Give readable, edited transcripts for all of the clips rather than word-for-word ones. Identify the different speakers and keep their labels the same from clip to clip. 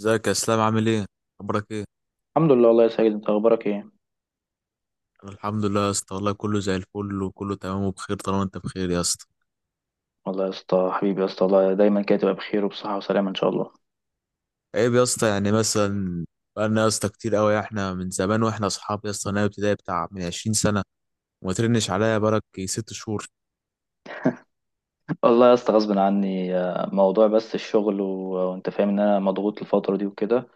Speaker 1: ازيك يا اسلام، عامل ايه؟ اخبارك ايه؟
Speaker 2: الحمد لله والله يا سيد، انت اخبارك ايه؟
Speaker 1: أنا الحمد لله يا اسطى، والله كله زي الفل وكله تمام وبخير طالما انت بخير يا اسطى.
Speaker 2: والله يا اسطى، حبيبي يا اسطى، والله دايما كده تبقى بخير وبصحه وسلامه ان شاء الله.
Speaker 1: عيب يا اسطى، يعني مثلا بقالنا يا اسطى كتير قوي، احنا من زمان واحنا اصحاب يا اسطى من أيام ابتدائي بتاع من 20 سنه، وما ترنش عليا بقالك ست شهور.
Speaker 2: والله يا اسطى غصب عني، موضوع بس الشغل وانت فاهم ان انا مضغوط الفتره دي وكده.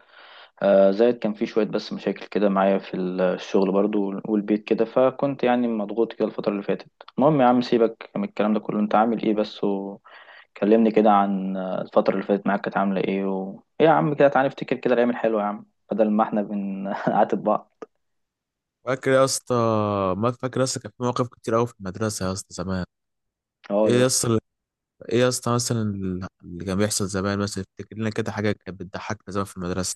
Speaker 2: زائد كان في شويه بس مشاكل كده معايا في الشغل برضو والبيت كده، فكنت يعني مضغوط كده الفتره اللي فاتت. المهم يا عم، سيبك من الكلام ده كله، انت عامل ايه بس؟ وكلمني كده عن الفتره اللي فاتت معاك، كانت عامله ايه ايه يا عم؟ كده تعالى نفتكر كده الايام الحلوه يا عم، بدل ما احنا بنعاتب بعض.
Speaker 1: فاكر يا اسطى؟ ما فاكر يا اسطى كان في مواقف كتير قوي في المدرسه يا اسطى زمان؟
Speaker 2: اه
Speaker 1: ايه
Speaker 2: يا
Speaker 1: يا
Speaker 2: اسطى.
Speaker 1: اسطى؟ ايه يا اسطى مثلا اللي كان بيحصل زمان؟ مثلا افتكر لنا كده حاجه كانت بتضحكنا زمان في المدرسه.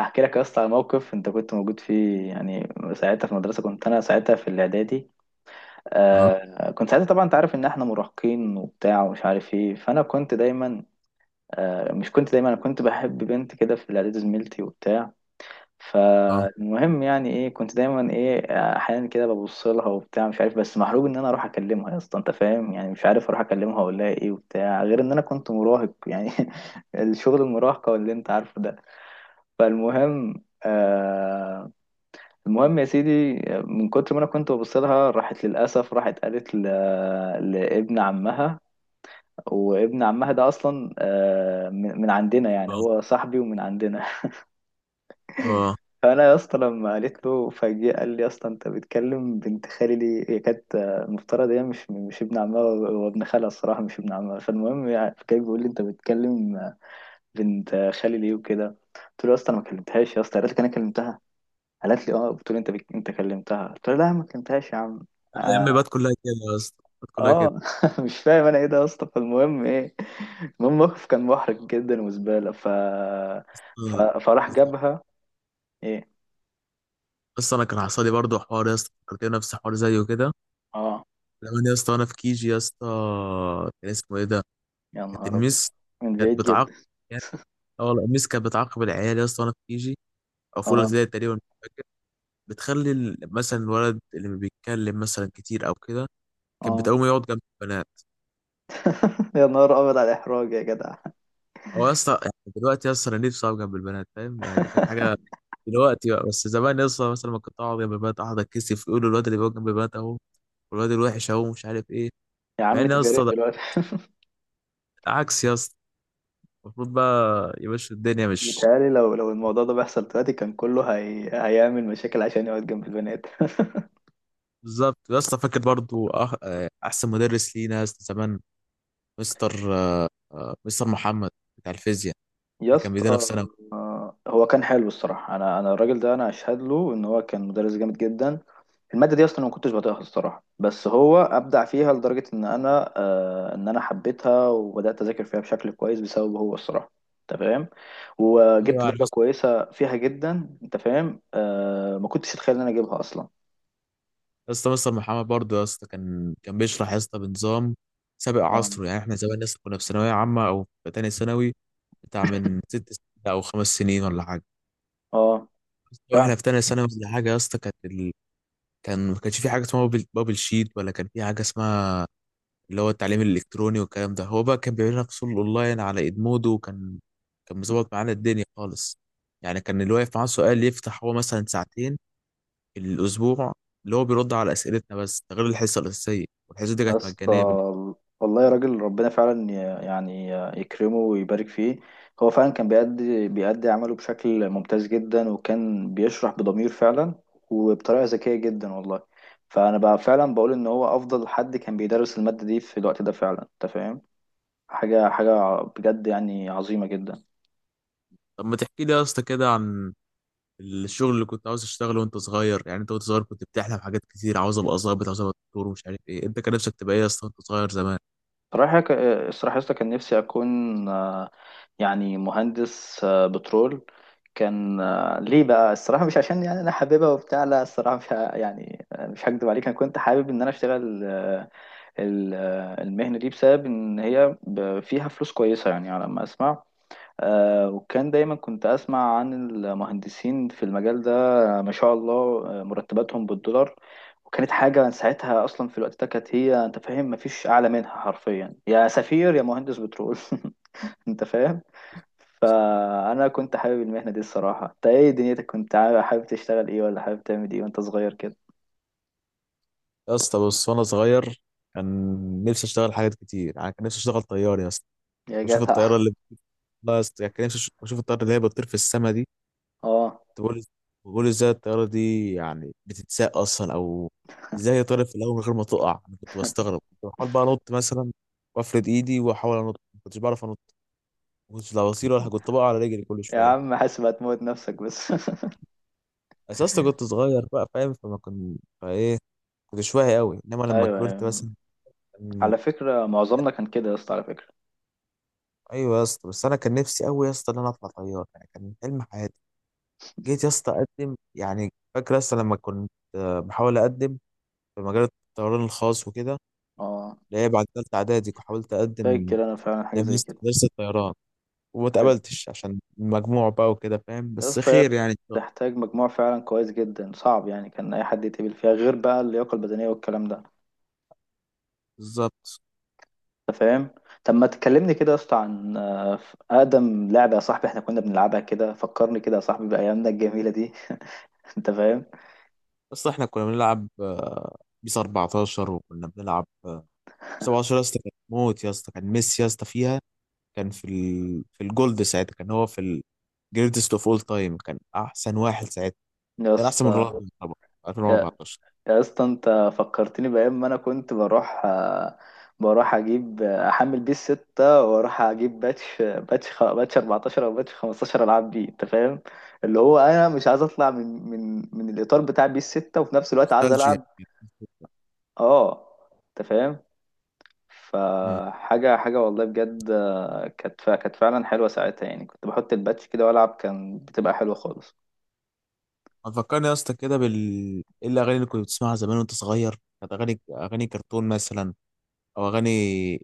Speaker 2: احكي لك يا اسطى على موقف انت كنت موجود فيه يعني. ساعتها في المدرسه، كنت انا ساعتها في الاعدادي.
Speaker 1: اه،
Speaker 2: كنت ساعتها طبعا انت عارف ان احنا مراهقين وبتاع ومش عارف ايه، فانا كنت دايما، آه مش كنت دايما انا كنت بحب بنت كده في الاعدادي، زميلتي وبتاع.
Speaker 1: اه،
Speaker 2: فالمهم يعني ايه، كنت دايما ايه، احيانا كده ببص لها وبتاع، مش عارف، بس محروق ان انا اروح اكلمها. يا اسطى انت فاهم يعني، مش عارف اروح اكلمها اقول لها ايه وبتاع، غير ان انا كنت مراهق يعني. الشغل المراهقه واللي انت عارفه ده. فالمهم. المهم يا سيدي، من كتر ما انا كنت ببص لها راحت، للاسف راحت قالت لابن عمها. وابن عمها ده اصلا من عندنا، يعني
Speaker 1: اه،
Speaker 2: هو صاحبي ومن عندنا.
Speaker 1: اه،
Speaker 2: فانا يا اسطى لما قالت له، فجأة قال لي: يا اسطى، انت بتكلم بنت خالي ليه؟ هي كانت، المفترض، هي مش ابن عمها، هو ابن خالها الصراحه، مش ابن عمها. فالمهم، يعني كان بيقول لي: انت بتكلم بنت خالي ليه وكده. قلت له: يا اسطى انا ما كلمتهاش. يا اسطى قالت لك انا كلمتها؟ قالت لي: اه، بتقول انت انت كلمتها. قلت لها: لا ما كلمتهاش يا عم.
Speaker 1: ايام
Speaker 2: اه.
Speaker 1: بات كلها كده يا اسطى، بات كلها كده.
Speaker 2: آه. مش فاهم انا ايه ده يا اسطى. فالمهم ايه، المهم الموقف كان محرج جدا وزباله، ف... ف...
Speaker 1: آه،
Speaker 2: فراح
Speaker 1: بالظبط.
Speaker 2: جابها. ايه.
Speaker 1: بس انا كان حصل لي برضه حوار يا اسطى، فكرتني نفس حوار زيه كده
Speaker 2: اه
Speaker 1: زمان يا اسطى، وانا في كيجي يا اسطى. كان اسمه ايه ده؟
Speaker 2: يا
Speaker 1: كانت
Speaker 2: نهار ابيض.
Speaker 1: الميس
Speaker 2: من
Speaker 1: كانت
Speaker 2: بعيد
Speaker 1: بتعاقب،
Speaker 2: جدا.
Speaker 1: يعني اه والله الميس كانت بتعاقب العيال يا اسطى وانا في كيجي، او في اولى
Speaker 2: اه.
Speaker 1: ابتدائي تقريبا، مش فاكر. بتخلي مثلا الولد اللي ما بيتكلم مثلا كتير او كده كانت بتقوم
Speaker 2: اه.
Speaker 1: يقعد جنب البنات.
Speaker 2: يا نهار ابيض على الاحراج يا جدع!
Speaker 1: او يا اسطى يعني دلوقتي يا اسطى انا نفسي اقعد جنب البنات، فاهم يعني؟ دي كانت حاجه دلوقتي بقى، بس زمان يا اسطى مثلا ما كنت اقعد جنب البنات، اقعد اتكسف، يقولوا الواد اللي بيقعد جنب البنات اهو، والواد الوحش اهو مش عارف ايه.
Speaker 2: يا
Speaker 1: مع
Speaker 2: عم
Speaker 1: ان يا
Speaker 2: طب يا ريت
Speaker 1: اسطى ده
Speaker 2: دلوقتي.
Speaker 1: عكس يا اسطى، المفروض بقى يا باشا الدنيا مش...
Speaker 2: بيتهيألي لو الموضوع ده بيحصل دلوقتي، كان كله هيعمل مشاكل عشان يقعد جنب البنات.
Speaker 1: بالظبط يا اسطى. فاكر برضو أح... آه، احسن مدرس لينا يا اسطى زمان؟ مستر مستر محمد بتاع الفيزياء
Speaker 2: يا
Speaker 1: اللي كان بيدينا في
Speaker 2: اسطى،
Speaker 1: ثانوي.
Speaker 2: هو كان حلو الصراحه، انا الراجل ده انا اشهد له ان هو كان مدرس جامد جدا. الماده دي اصلا أنا ما كنتش بطيقها الصراحه، بس هو ابدع فيها لدرجه ان انا، ان انا حبيتها وبدات اذاكر فيها بشكل كويس بسببه هو الصراحه، انت فاهم.
Speaker 1: ايوه
Speaker 2: وجبت
Speaker 1: يعني
Speaker 2: درجه
Speaker 1: يا
Speaker 2: كويسه فيها جدا، انت فاهم. ما كنتش اتخيل ان انا اجيبها اصلا.
Speaker 1: اسطى، مستر محمد برضو يا اسطى كان بيشرح يا اسطى بنظام سابق
Speaker 2: اه.
Speaker 1: عصره. يعني احنا زمان يا اسطى كنا في ثانويه عامه او في تانية ثانوي بتاع من ست سنين او خمس سنين ولا حاجه.
Speaker 2: اه فعلا
Speaker 1: واحنا في تانية ثانوي ولا حاجه يا اسطى كان ما كانش في حاجه اسمها بابل, شيت، ولا كان في حاجه اسمها اللي هو التعليم الإلكتروني والكلام ده. هو بقى كان بيعمل لنا فصول أونلاين على إدمودو، وكان مظبط معانا الدنيا خالص. يعني كان اللي واقف معاه سؤال يفتح هو مثلا ساعتين في الأسبوع اللي هو بيرد على أسئلتنا، بس ده غير الحصة الأساسية، والحصة دي
Speaker 2: يا
Speaker 1: كانت
Speaker 2: اسطى.
Speaker 1: مجانية
Speaker 2: والله يا راجل ربنا فعلا يعني يكرمه ويبارك فيه. هو فعلا كان بيأدي عمله بشكل ممتاز جدا، وكان بيشرح بضمير فعلا، وبطريقة ذكية جدا والله. فأنا بقى فعلا بقول إن هو أفضل حد كان بيدرس المادة دي في الوقت ده فعلا، أنت فاهم، حاجة حاجة بجد يعني عظيمة جدا.
Speaker 1: طب ما تحكي لي يا اسطى كده عن الشغل اللي كنت عاوز تشتغله وأنت صغير؟ يعني أنت وأنت صغير كنت بتحلم حاجات كتير، عاوز أبقى ظابط، عاوز أبقى دكتور، ومش عارف إيه. أنت كان نفسك تبقى إيه يا اسطى وأنت صغير زمان؟
Speaker 2: صراحة ك- الصراحة يا اسطى كان نفسي أكون يعني مهندس بترول. كان، ليه بقى؟ الصراحة مش عشان يعني أنا حاببها وبتاع، لا، الصراحة مش يعني، مش هكدب عليك، أنا كنت حابب إن أنا أشتغل، المهنة دي، بسبب إن هي فيها فلوس كويسة يعني، على ما أسمع. وكان دايما كنت أسمع عن المهندسين في المجال ده، ما شاء الله، مرتباتهم بالدولار، وكانت حاجة ساعتها أصلا. في الوقت ده كانت، هي، أنت فاهم، مفيش أعلى منها حرفيا، يا سفير يا مهندس بترول! أنت فاهم. فانا كنت حابب المهنه دي الصراحه. انت ايه دنيتك، كنت حابب تشتغل ايه، ولا حابب تعمل ايه وانت صغير كده؟
Speaker 1: يا اسطى بص، وأنا صغير كان نفسي أشتغل حاجات كتير. يعني كان نفسي أشتغل طيار يا اسطى،
Speaker 2: يا
Speaker 1: بشوف
Speaker 2: جدع.
Speaker 1: الطياره اللي... والله يا اسطى يعني كان نفسي اشوف الطياره اللي هي بتطير في السما دي.
Speaker 2: اه
Speaker 1: بقول، بقول ازاي الطياره دي يعني بتتساق اصلا، او ازاي هي طارت في الاول من غير ما تقع. انا كنت بستغرب، كنت بحاول بقى انط مثلا وافرد ايدي واحاول انط، ما كنتش بعرف انط. ما كنتش لا بطير ولا كنت بقع على رجلي كل
Speaker 2: يا
Speaker 1: شويه.
Speaker 2: عم حاسب هتموت نفسك بس.
Speaker 1: اساسا كنت صغير بقى، فاهم؟ فما كنت فايه، كنتش واعي قوي، انما لما
Speaker 2: ايوه،
Speaker 1: كبرت
Speaker 2: أيوة.
Speaker 1: مثلا كان-
Speaker 2: على فكره معظمنا كان كده يا اسطى، على فكره.
Speaker 1: ايوه يا اسطى، بس انا كان نفسي قوي يا اسطى ان انا اطلع طيار، يعني كان حلم حياتي. جيت يا اسطى اقدم، يعني فاكر يا اسطى لما كنت بحاول اقدم في مجال الطيران الخاص وكده.
Speaker 2: اه،
Speaker 1: اللي هي بعد تالتة إعدادي حاولت أقدم
Speaker 2: فاكر انا فعلا حاجه زي كده.
Speaker 1: مدرسة الطيران، وما
Speaker 2: حلو.
Speaker 1: اتقبلتش عشان المجموع بقى وكده فاهم،
Speaker 2: يا
Speaker 1: بس
Speaker 2: اسطى هي
Speaker 1: خير يعني إن شاء الله.
Speaker 2: بتحتاج مجموع فعلا كويس جدا، صعب يعني كان اي حد يتقبل فيها، غير بقى اللياقه البدنيه والكلام ده،
Speaker 1: بالظبط.
Speaker 2: انت فاهم. طب ما تكلمني كده يا اسطى عن اقدم لعبه يا صاحبي احنا كنا بنلعبها، كده فكرني كده يا صاحبي بايامنا الجميله دي. انت فاهم.
Speaker 1: بس إحنا كنا بنلعب بيس 14، وكنا بنلعب 17، يا اسطى كان موت يا اسطى، كان ميسي يا اسطى فيها. في الجولد ساعتها، كان هو في الجريتست اوف اول تايم، كان أحسن واحد ساعتها،
Speaker 2: يا
Speaker 1: كان أحسن من
Speaker 2: اسطى
Speaker 1: رونالدو طبعا.
Speaker 2: يا
Speaker 1: 2014،
Speaker 2: يا اسطى انت فكرتني بايام ما انا كنت بروح اجيب آه، احمل بيه الستة، واروح اجيب باتش 14 او باتش 15، العاب بيه، انت فاهم. اللي هو انا مش عايز اطلع من الاطار بتاع بيه الستة، وفي نفس الوقت عايز
Speaker 1: نوستالجيا.
Speaker 2: العب. اه، انت فاهم. فحاجة حاجة والله بجد، كانت فعلا حلوة ساعتها يعني، كنت بحط الباتش كده وألعب، كان بتبقى حلوة خالص.
Speaker 1: هتفكرني يا اسطى كده ايه الاغاني اللي كنت بتسمعها زمان وانت صغير؟ كانت اغاني، اغاني كرتون مثلا، او اغاني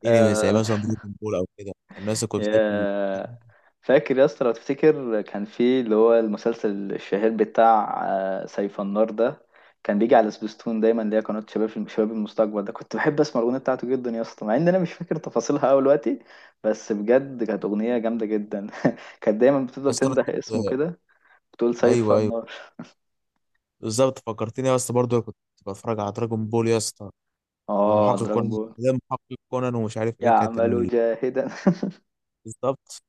Speaker 1: انمي زي
Speaker 2: آه،
Speaker 1: مثلا دراجون بول او كده؟ الناس اللي كنت بتحب
Speaker 2: يا فاكر يا اسطى؟ لو تفتكر كان في اللي هو المسلسل الشهير بتاع سيف النار ده، كان بيجي على سبيستون دايما، اللي هي قناة شباب المستقبل ده. كنت بحب اسمع الأغنية بتاعته جدا يا اسطى، مع ان انا مش فاكر تفاصيلها قوي دلوقتي، بس بجد كانت أغنية جامدة جدا. كانت دايما بتفضل
Speaker 1: بس انا
Speaker 2: تنده اسمه
Speaker 1: كنت...
Speaker 2: كده، بتقول: سيف
Speaker 1: ايوه ايوه،
Speaker 2: النار.
Speaker 1: بالظبط. فكرتني يا اسطى برضه كنت بتفرج على دراجون بول يا اسطى،
Speaker 2: اه،
Speaker 1: ومحقق
Speaker 2: دراجون
Speaker 1: كونان
Speaker 2: بول.
Speaker 1: ده، محقق كونان ومش عارف ايه كانت
Speaker 2: يعمل جاهدا.
Speaker 1: بالظبط.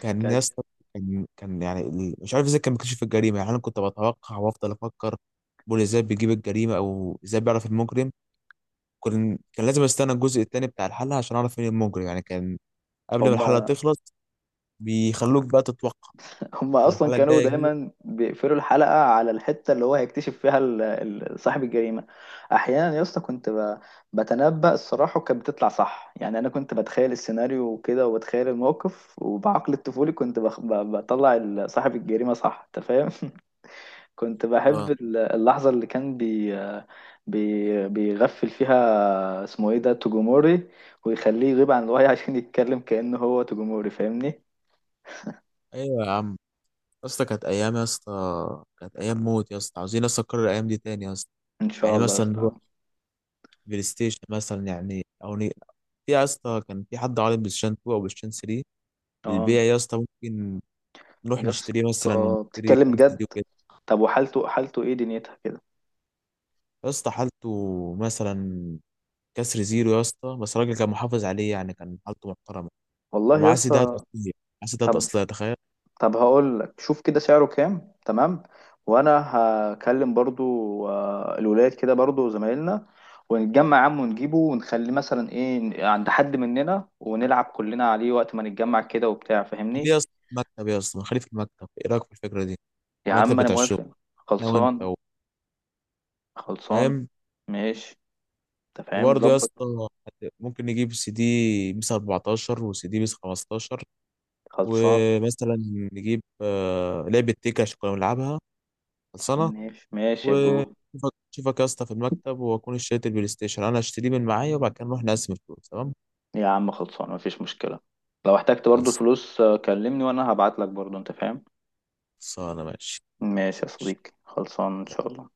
Speaker 1: كان يا
Speaker 2: كان
Speaker 1: اسطى، كان يعني مش عارف ازاي كان بيكتشف الجريمه. يعني انا كنت بتوقع وافضل افكر بول ازاي بيجيب الجريمه او ازاي بيعرف المجرم. كان لازم استنى الجزء التاني بتاع الحلقة عشان اعرف مين المجرم، يعني كان قبل ما الحلقة
Speaker 2: هما
Speaker 1: تخلص بيخلوك بقى تتوقع،
Speaker 2: هما
Speaker 1: تقول
Speaker 2: اصلا
Speaker 1: الحلقة
Speaker 2: كانوا
Speaker 1: الجاية جاية.
Speaker 2: دايما بيقفلوا الحلقه على الحته اللي هو هيكتشف فيها صاحب الجريمه. احيانا يا اسطى كنت بتنبأ الصراحه، وكانت بتطلع صح. يعني انا كنت بتخيل السيناريو وكده، وبتخيل الموقف، وبعقل الطفولي كنت بطلع صاحب الجريمه صح، انت فاهم. كنت
Speaker 1: اه
Speaker 2: بحب اللحظة اللي كان بي بي بيغفل فيها، اسمه ايه ده، توجوموري، ويخليه يغيب عن الوعي. عشان يتكلم كأنه هو توجوموري، فاهمني.
Speaker 1: ايوه يا عم، يا اسطى كانت ايام يا اسطى، كانت ايام موت يا اسطى، عاوزين اصلا نكرر الايام دي تاني يا اسطى.
Speaker 2: ان شاء
Speaker 1: يعني
Speaker 2: الله يا
Speaker 1: مثلا هو
Speaker 2: اسطى.
Speaker 1: بلاي ستيشن مثلا يعني او في يا اسطى كان في حد عارض بلاي ستيشن 2 او بلاي ستيشن 3
Speaker 2: اه
Speaker 1: للبيع يا اسطى، ممكن نروح
Speaker 2: يا
Speaker 1: نشتريه مثلا
Speaker 2: اسطى،
Speaker 1: ونشتري
Speaker 2: بتتكلم
Speaker 1: كام سي
Speaker 2: بجد؟
Speaker 1: دي وكده؟
Speaker 2: طب، وحالته، حالته ايه دنيتها كده؟
Speaker 1: يا اسطى حالته مثلا كسر زيرو يا اسطى، بس الراجل كان محافظ عليه، يعني كان حالته محترمة.
Speaker 2: والله يا
Speaker 1: ومعاه سيدات
Speaker 2: اسطى.
Speaker 1: اصليه، معاه سيدات
Speaker 2: طب
Speaker 1: اصليه، تخيل!
Speaker 2: طب هقول لك، شوف كده سعره كام، تمام؟ وانا هكلم برضو الولاد كده، برضو زمايلنا، ونتجمع يا عم ونجيبه، ونخليه مثلا ايه عند حد مننا، ونلعب كلنا عليه وقت ما نتجمع كده وبتاع، فاهمني.
Speaker 1: خليه يا اسطى في المكتب يا اسطى، خليه في المكتب، ايه رايك في الفكره دي؟
Speaker 2: يا
Speaker 1: المكتب
Speaker 2: عم انا
Speaker 1: بتاع الشغل،
Speaker 2: موافق.
Speaker 1: انا وانت
Speaker 2: خلصان. خلصان.
Speaker 1: فاهم؟
Speaker 2: ماشي. انت فاهم،
Speaker 1: وبرضه يا
Speaker 2: ظبط.
Speaker 1: اسطى ممكن نجيب سي دي بيس 14 وسي دي بيس 15،
Speaker 2: خلصان.
Speaker 1: ومثلا نجيب لعبه تيكا عشان كنا بنلعبها، خلصانه.
Speaker 2: ماشي. ماشي يا برو.
Speaker 1: وشوفك شوفك يا اسطى في المكتب، واكون اشتريت البلاي ستيشن، انا اشتريه من معايا وبعد كده نروح نقسم الفلوس، تمام؟
Speaker 2: يا عم خلصان، مفيش مشكلة. لو احتجت برضو
Speaker 1: خلص،
Speaker 2: الفلوس، كلمني وانا هبعت لك برضو، انت فاهم.
Speaker 1: خلصانه، ماشي،
Speaker 2: ماشي يا
Speaker 1: ماشي
Speaker 2: صديقي، خلصان ان شاء الله.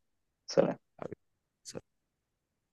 Speaker 2: سلام.
Speaker 1: حبيبي.